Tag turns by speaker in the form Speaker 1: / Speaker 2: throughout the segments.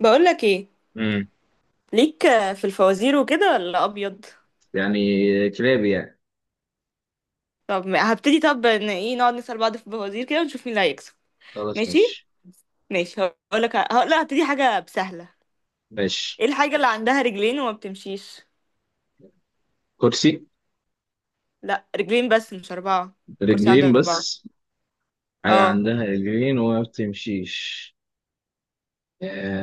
Speaker 1: بقولك ايه؟
Speaker 2: امم
Speaker 1: ليك في الفوازير وكده ولا ابيض؟
Speaker 2: يعني كلاب يعني.
Speaker 1: طب هبتدي. طب ان ايه، نقعد نسأل بعض في الفوازير كده ونشوف مين اللي هيكسب.
Speaker 2: خلاص
Speaker 1: ماشي،
Speaker 2: ماشي.
Speaker 1: ماشي. هقول، لا، هبتدي حاجة سهلة.
Speaker 2: ماشي.
Speaker 1: ايه الحاجة اللي عندها رجلين وما بتمشيش؟
Speaker 2: كرسي.
Speaker 1: لا، رجلين بس مش أربعة. الكرسي عنده
Speaker 2: رجلين
Speaker 1: أربعة.
Speaker 2: بس. حاجة
Speaker 1: اه،
Speaker 2: عندها رجلين وما بتمشيش.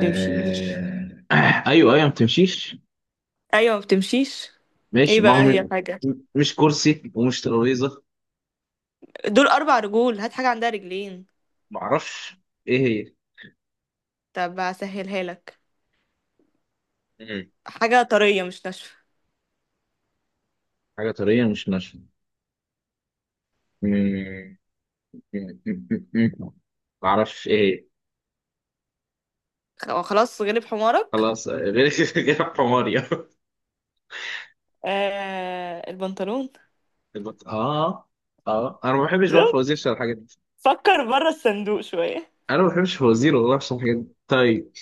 Speaker 1: بتمشي.
Speaker 2: ايوه ما بتمشيش.
Speaker 1: ايوه، ما بتمشيش. ايه
Speaker 2: ماشي ما هو.
Speaker 1: بقى هي الحاجة؟
Speaker 2: مش كرسي ومش ترابيزة.
Speaker 1: دول 4 رجول، هات حاجة عندها رجلين.
Speaker 2: معرفش ايه هي.
Speaker 1: طب هسهلها لك.
Speaker 2: مم.
Speaker 1: حاجة طرية مش ناشفة.
Speaker 2: حاجة طرية مش ناشفة. مم. معرفش ايه هي.
Speaker 1: خلاص، غلب حمارك.
Speaker 2: خلاص، غير غير حماري
Speaker 1: آه، البنطلون.
Speaker 2: اه اه، انا ما بحبش بقى فوازير الحاجات.
Speaker 1: فكر بره الصندوق شوية.
Speaker 2: انا ما بحبش فوازير والله، عشان الحاجات دي. طيب،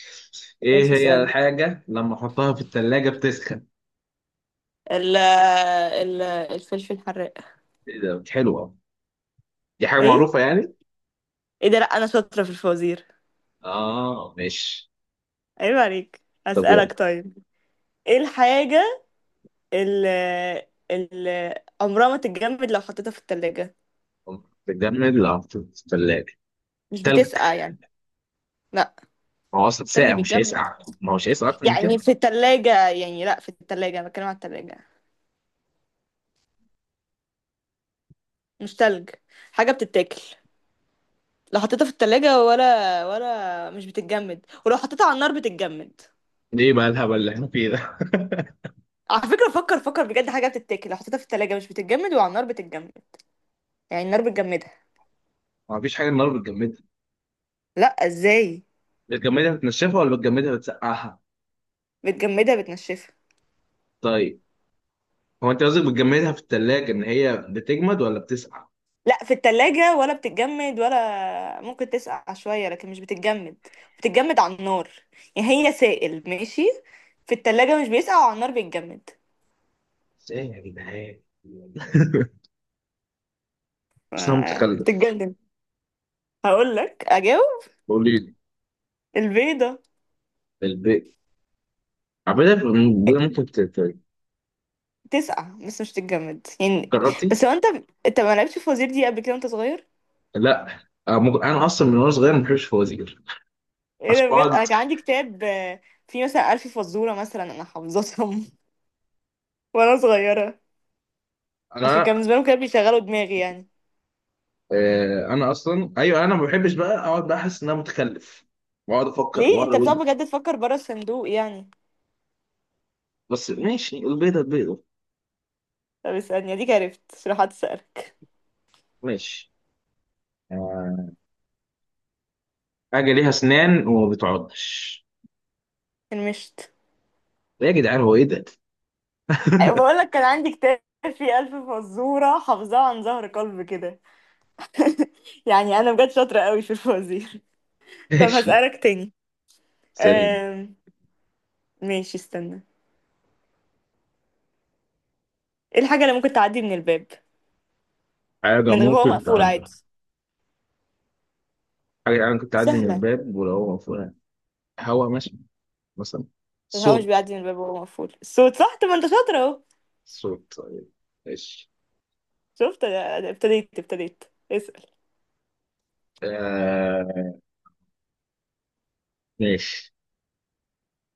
Speaker 2: ايه
Speaker 1: ايش؟
Speaker 2: هي
Speaker 1: اسألني.
Speaker 2: الحاجه لما احطها في الثلاجه بتسخن؟
Speaker 1: ال ال الفلفل الحراق.
Speaker 2: ايه ده، حلوه! دي حاجه
Speaker 1: ايه؟
Speaker 2: معروفه يعني.
Speaker 1: ايه ده؟ لا، انا شاطرة في الفوازير.
Speaker 2: اه ماشي.
Speaker 1: عيب عليك.
Speaker 2: طب يلا.
Speaker 1: اسألك طيب. ايه الحاجة اللي اللي عمرها ما تتجمد لو حطيتها في التلاجة؟
Speaker 2: بتجمد لو حطيت في الثلاجه؟
Speaker 1: مش
Speaker 2: تلج.
Speaker 1: بتسقع يعني. لا.
Speaker 2: ما هو اصلا
Speaker 1: التلج
Speaker 2: ساقع، مش
Speaker 1: بيتجمد
Speaker 2: هيسقع، ما هو مش هيسقع اكتر من كده.
Speaker 1: يعني في التلاجة، يعني لا، في التلاجة انا بتكلم على التلاجة، مش تلج. حاجة بتتاكل لو حطيتها في التلاجة ولا مش بتتجمد، ولو حطيتها على النار بتتجمد.
Speaker 2: ليه بقى الهبل اللي احنا فيه ده؟
Speaker 1: على فكرة، فكر فكر بجد، حاجة بتتاكل لو حطيتها في التلاجة مش بتتجمد وعلى النار بتتجمد، يعني النار بتجمدها.
Speaker 2: ما فيش حاجه النار بتجمدها.
Speaker 1: لا، ازاي
Speaker 2: بتجمدها بتنشفها ولا بتجمدها بتسقعها؟
Speaker 1: بتجمدها؟ بتنشفها.
Speaker 2: طيب. هو انت قصدك بتجمدها في الثلاجه ان هي بتجمد ولا بتسقع؟
Speaker 1: لا، في التلاجة ولا بتتجمد ولا ممكن تسقع شوية، لكن مش بتتجمد. بتتجمد على النار. يعني هي سائل ماشي، في التلاجة مش بيسقع وعلى النار بيتجمد.
Speaker 2: بس ايه يا جدعان؟ صمت
Speaker 1: آه،
Speaker 2: متخلف.
Speaker 1: بتتجمد. هقول لك، اجاوب.
Speaker 2: قولي لي.
Speaker 1: البيضة.
Speaker 2: البيت. عبيدة بدل. ممكن
Speaker 1: تسقع بس مش تتجمد يعني.
Speaker 2: جربتي؟
Speaker 1: بس هو انت، انت ما لعبتش في وزير دي قبل كده وانت صغير؟
Speaker 2: لا. انا اصلا من وانا صغير ما بحبش الفوازير
Speaker 1: ايه
Speaker 2: عشان
Speaker 1: ده بجد!
Speaker 2: اقعد.
Speaker 1: انا كان عندي كتاب، فيه مثلا ألف فزورة مثلا، انا حافظتهم وانا صغيرة، عشان
Speaker 2: انا
Speaker 1: كان بالنسبة لهم كانوا بيشغلوا دماغي يعني.
Speaker 2: انا اصلا، ايوه، انا ما بحبش بقى اقعد بقى احس ان انا متخلف واقعد افكر
Speaker 1: ليه
Speaker 2: واقعد
Speaker 1: انت بتقعد
Speaker 2: اقول.
Speaker 1: بجد تفكر بره الصندوق يعني؟
Speaker 2: بس ماشي، البيضه البيضه.
Speaker 1: طب اسألني. اديك عرفت، شرحت، اسألك.
Speaker 2: ماشي. آه، حاجه ليها اسنان وما بتعضش.
Speaker 1: المشت.
Speaker 2: إيه يا جدعان، هو ايه ده؟
Speaker 1: بقول لك كان عندي كتاب فيه 1000 فزورة، حافظاها عن ظهر قلب كده يعني انا بجد شاطرة قوي في الفوازير. طب
Speaker 2: ماشي
Speaker 1: هسألك تاني.
Speaker 2: سليم.
Speaker 1: آم، ماشي، استنى. ايه الحاجة اللي ممكن تعدي من الباب
Speaker 2: حاجه
Speaker 1: من غير هو
Speaker 2: ممكن
Speaker 1: مقفول
Speaker 2: تعدي.
Speaker 1: عادي؟
Speaker 2: حاجه انا كنت اعدي من
Speaker 1: سهلة.
Speaker 2: الباب ولو هو مقفول. هوا ماشي. مثلا
Speaker 1: الهوا مش
Speaker 2: صوت.
Speaker 1: بيعدي من الباب وهو مقفول. الصوت، صح؟ طب ما انت شاطر اهو.
Speaker 2: صوت طيب. ماشي.
Speaker 1: شفت؟ أنا ابتديت اسأل.
Speaker 2: آه ماشي.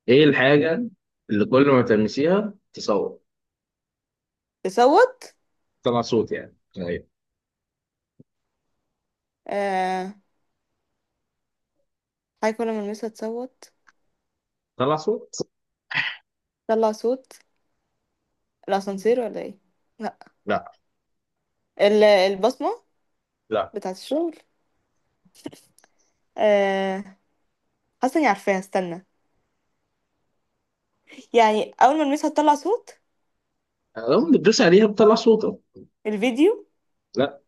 Speaker 2: ايه الحاجة اللي كل ما تلمسيها تصوت؟
Speaker 1: تصوت.
Speaker 2: تطلع صوت يعني، ايوه.
Speaker 1: آه، حاجة كل ما المسها تصوت.
Speaker 2: تطلع صوت.
Speaker 1: طلع صوت. الأسانسير، ولا ايه؟ لا.
Speaker 2: لا.
Speaker 1: البصمة
Speaker 2: لا
Speaker 1: بتاعة الشغل. آه، حاسة اني عارفاها، استنى. يعني أول ما المسها تطلع صوت.
Speaker 2: لو بتدوس عليها بتطلع صوت أهو.
Speaker 1: الفيديو.
Speaker 2: لا.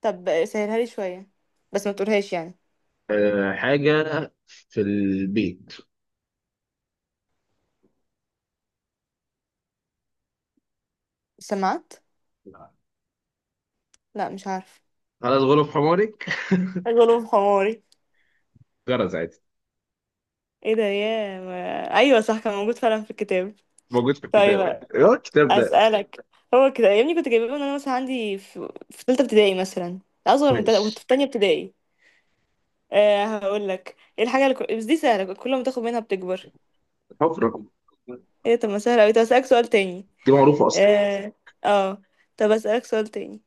Speaker 1: طب سهلها لي شوية، بس ما تقولهاش يعني.
Speaker 2: آه حاجة في البيت.
Speaker 1: السماعات.
Speaker 2: لا.
Speaker 1: لا، مش عارف.
Speaker 2: خلاص غلب حمارك
Speaker 1: غلوب حماري.
Speaker 2: جرس عادي.
Speaker 1: ايه ده يا ما... ايوه صح، كان موجود فعلا في الكتاب.
Speaker 2: موجود في الكتاب
Speaker 1: طيب،
Speaker 2: يعني، ايه هو الكتاب ده؟
Speaker 1: اسالك. هو كده يا ابني، كنت جايباه وانا مثلا عندي في ثالثه ابتدائي مثلا، اصغر من تالتة كنت
Speaker 2: ماشي.
Speaker 1: في تانية ابتدائي. أه، هقول لك. ايه الحاجه اللي بس دي سهله، كل ما تاخد منها بتكبر.
Speaker 2: حفرة.
Speaker 1: ايه؟ طب ما سهله قوي. طب اسالك سؤال تاني.
Speaker 2: دي معروفة أصلا.
Speaker 1: اه، اه. طب اسالك سؤال تاني.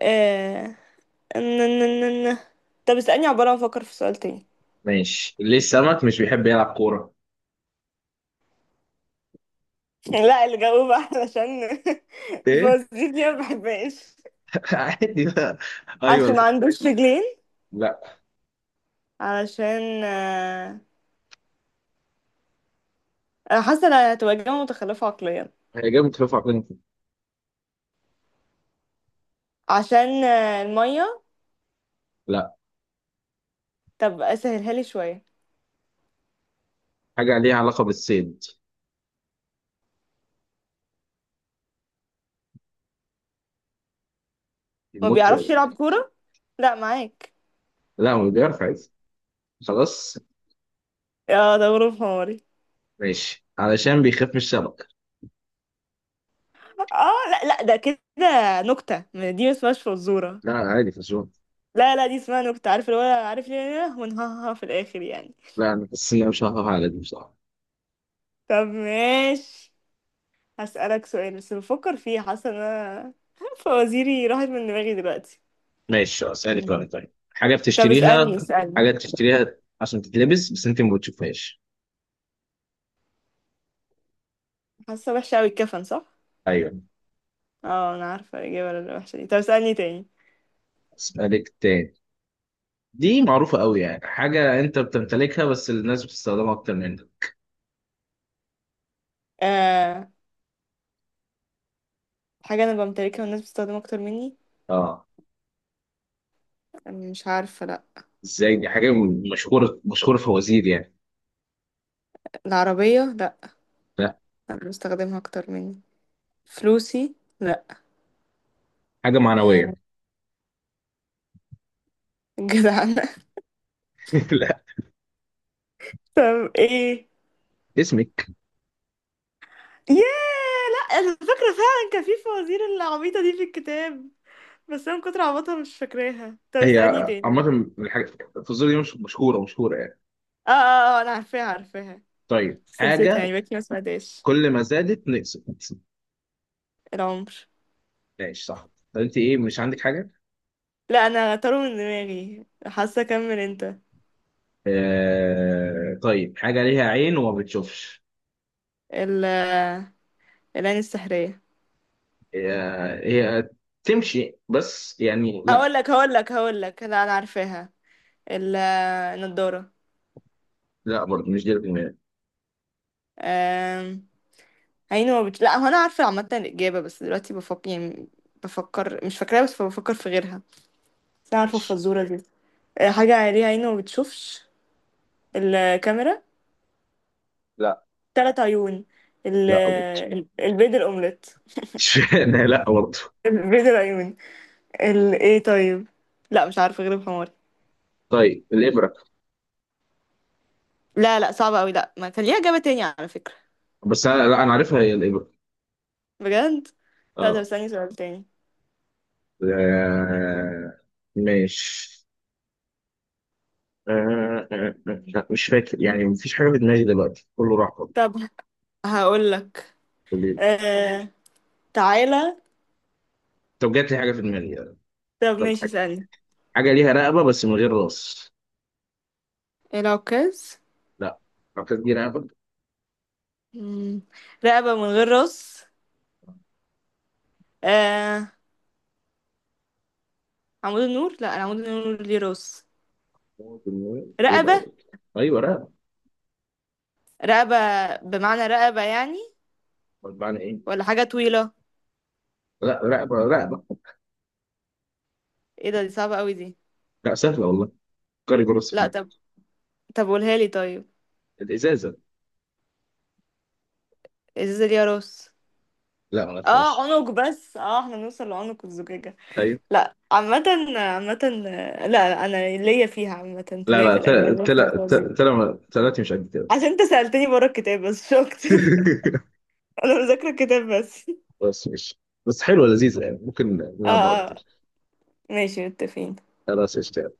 Speaker 1: أه... ن- ن- ن- ن- طب اسالني عباره ما افكر في سؤال تاني.
Speaker 2: ماشي. ليه السمك مش بيحب يلعب كورة؟
Speaker 1: لا، اللي جاوب علشان
Speaker 2: ايه
Speaker 1: الفوازير دي ما بحبهاش.
Speaker 2: عادي بقى. ايوه.
Speaker 1: عشان ما
Speaker 2: لا.
Speaker 1: عندوش رجلين.
Speaker 2: لا،
Speaker 1: علشان انا حاسه إن هتبقى اجابه متخلفه عقليا.
Speaker 2: هي جامد خفيف على فكرة.
Speaker 1: عشان المية.
Speaker 2: لا،
Speaker 1: طب اسهلها لي شوية.
Speaker 2: حاجة ليها علاقة بالصيد.
Speaker 1: ما
Speaker 2: الموت
Speaker 1: بيعرفش
Speaker 2: يعني.
Speaker 1: يلعب كورة. لا، معاك.
Speaker 2: لا هو بيعرف عادي. خلاص.
Speaker 1: اه، ده غروب حماري.
Speaker 2: ماشي، علشان بيخاف من الشبكة.
Speaker 1: اه، لا لا، ده كده نكتة. ما دي ما اسمهاش فزورة.
Speaker 2: لا عادي في الشغل.
Speaker 1: لا لا، دي اسمها نكتة، عارف اللي هو عارف ليه ونهاها في الآخر يعني.
Speaker 2: لا، أنا بس أنا مش هخاف على دي بصراحة.
Speaker 1: طب ماشي. هسألك سؤال، بس بفكر فيه. حاسة ان انا فوازيري راحت من دماغي دلوقتي.
Speaker 2: ماشي خلاص يعني. كمان،
Speaker 1: مم.
Speaker 2: طيب، حاجة
Speaker 1: طب اسألني،
Speaker 2: بتشتريها. حاجة
Speaker 1: اسألني.
Speaker 2: بتشتريها عشان تتلبس بس أنت ما بتشوفهاش.
Speaker 1: حاسة وحشة اوي، الكفن صح؟
Speaker 2: أيوه.
Speaker 1: اه، انا عارفة الإجابة الوحشة دي، طب اسألني تاني.
Speaker 2: أسألك تاني. دي معروفة أوي يعني. حاجة أنت بتمتلكها بس الناس بتستخدمها أكتر منك.
Speaker 1: آه، حاجة أنا بمتلكها والناس بتستخدمها أكتر مني.
Speaker 2: أه.
Speaker 1: مش عارفة، لأ.
Speaker 2: إزاي؟ دي حاجة مشهورة في وزير يعني.
Speaker 1: العربية لأ.
Speaker 2: لا.
Speaker 1: أنا بستخدمها أكتر مني. فلوسي لأ.
Speaker 2: حاجة
Speaker 1: آه،
Speaker 2: معنوية.
Speaker 1: جدعانة
Speaker 2: لا.
Speaker 1: طب إيه؟
Speaker 2: اسمك.
Speaker 1: ياه. لأ، أنا فاكرة فعلا كان في فوازير العبيطة دي في الكتاب، بس أنا من كتر عبطها مش فاكراها. طب
Speaker 2: هي
Speaker 1: اسألني تاني.
Speaker 2: عامة الحاجة الفاصوليا دي، مش مشهورة يعني.
Speaker 1: اه اه اه، أنا عارفاها عارفاها،
Speaker 2: طيب
Speaker 1: بس نسيتها يعني،
Speaker 2: حاجة
Speaker 1: بقيت ما سمعتهاش.
Speaker 2: كل ما زادت نقصت.
Speaker 1: العمر.
Speaker 2: ماشي صح. طب انت ايه، مش عندك حاجة؟
Speaker 1: لأ، أنا طاروا من دماغي. حاسة أكمل أنت.
Speaker 2: طيب، حاجة ليها عين وما بتشوفش.
Speaker 1: ال العين السحرية.
Speaker 2: هي تمشي بس يعني؟
Speaker 1: هقول
Speaker 2: لا.
Speaker 1: لك هقول لك هقول لك لا، انا عارفاها. ال- النضاره.
Speaker 2: لا برضه مش دي الجملة.
Speaker 1: أم، عيني ما بت... لا، هو انا عارفه عامه الاجابه، بس دلوقتي بفكر يعني، بفكر مش فاكراها، بس بفكر في غيرها، بس انا عارفه
Speaker 2: ماشي.
Speaker 1: الفزوره دي. أه، حاجه ليها عيني ما بتشوفش. الكاميرا.
Speaker 2: لا
Speaker 1: 3 عيون. ال...
Speaker 2: لا برضه.
Speaker 1: البيض الاومليت.
Speaker 2: اشمعنى؟ لا برضه.
Speaker 1: البيض العيون. ايه طيب، لا مش عارفه غير الحمار.
Speaker 2: طيب الإبرة.
Speaker 1: لا لا، صعبه قوي، لا، ما كان ليها اجابه تانية على فكره.
Speaker 2: بس انا، لا انا عارفها هي الإبرة.
Speaker 1: بجد. لا طب،
Speaker 2: اه.
Speaker 1: استني سؤال تاني.
Speaker 2: آه... ماشي. آه لا مش فاكر يعني، مفيش حاجة في دماغي دلوقتي كله راح برضه.
Speaker 1: طب هقول لك.
Speaker 2: بالليل.
Speaker 1: آه، تعالى.
Speaker 2: طب جات لي حاجة في دماغي.
Speaker 1: طب
Speaker 2: افتكرت
Speaker 1: ماشي،
Speaker 2: حاجة.
Speaker 1: اسألني.
Speaker 2: حاجة ليها رقبة بس من غير راس.
Speaker 1: العكاز.
Speaker 2: لا. أعتقد دي رقبة.
Speaker 1: مم. رقبة من غير راس. آه، عمود النور. لا، العمود النور ليه راس.
Speaker 2: إيه بقى
Speaker 1: رقبة.
Speaker 2: أقول لك؟ أيوه رقبة.
Speaker 1: رقبة، بمعنى رقبة يعني؟
Speaker 2: أمال معنى إيه؟
Speaker 1: ولا حاجة طويلة.
Speaker 2: لا، رقبة رقبة.
Speaker 1: ايه ده! دي صعبة قوي دي.
Speaker 2: لا سهلة والله. كاري جروس.
Speaker 1: لا طب. طب قولها لي طيب.
Speaker 2: الإزازة.
Speaker 1: ازازة ليها راس؟
Speaker 2: لا ما
Speaker 1: اه،
Speaker 2: عرفهاش.
Speaker 1: عنق بس، اه، احنا نوصل لعنق الزجاجة.
Speaker 2: أيوه.
Speaker 1: لا عامة. عامة، لا لا، انا ليا فيها عامة،
Speaker 2: لا
Speaker 1: ليا في
Speaker 2: لا، تل
Speaker 1: الأغاني في
Speaker 2: تل
Speaker 1: الفوازير.
Speaker 2: تل تل تلاتي مش قد كده.
Speaker 1: عشان انت سألتني بره الكتاب بس، مش اكتر. انا مذاكره الكتاب بس.
Speaker 2: بس مش بس حلوة لذيذة يعني، ممكن
Speaker 1: اه
Speaker 2: نلعبها أكتر.
Speaker 1: اه. ماشي، متفقين.
Speaker 2: خلاص قشطة.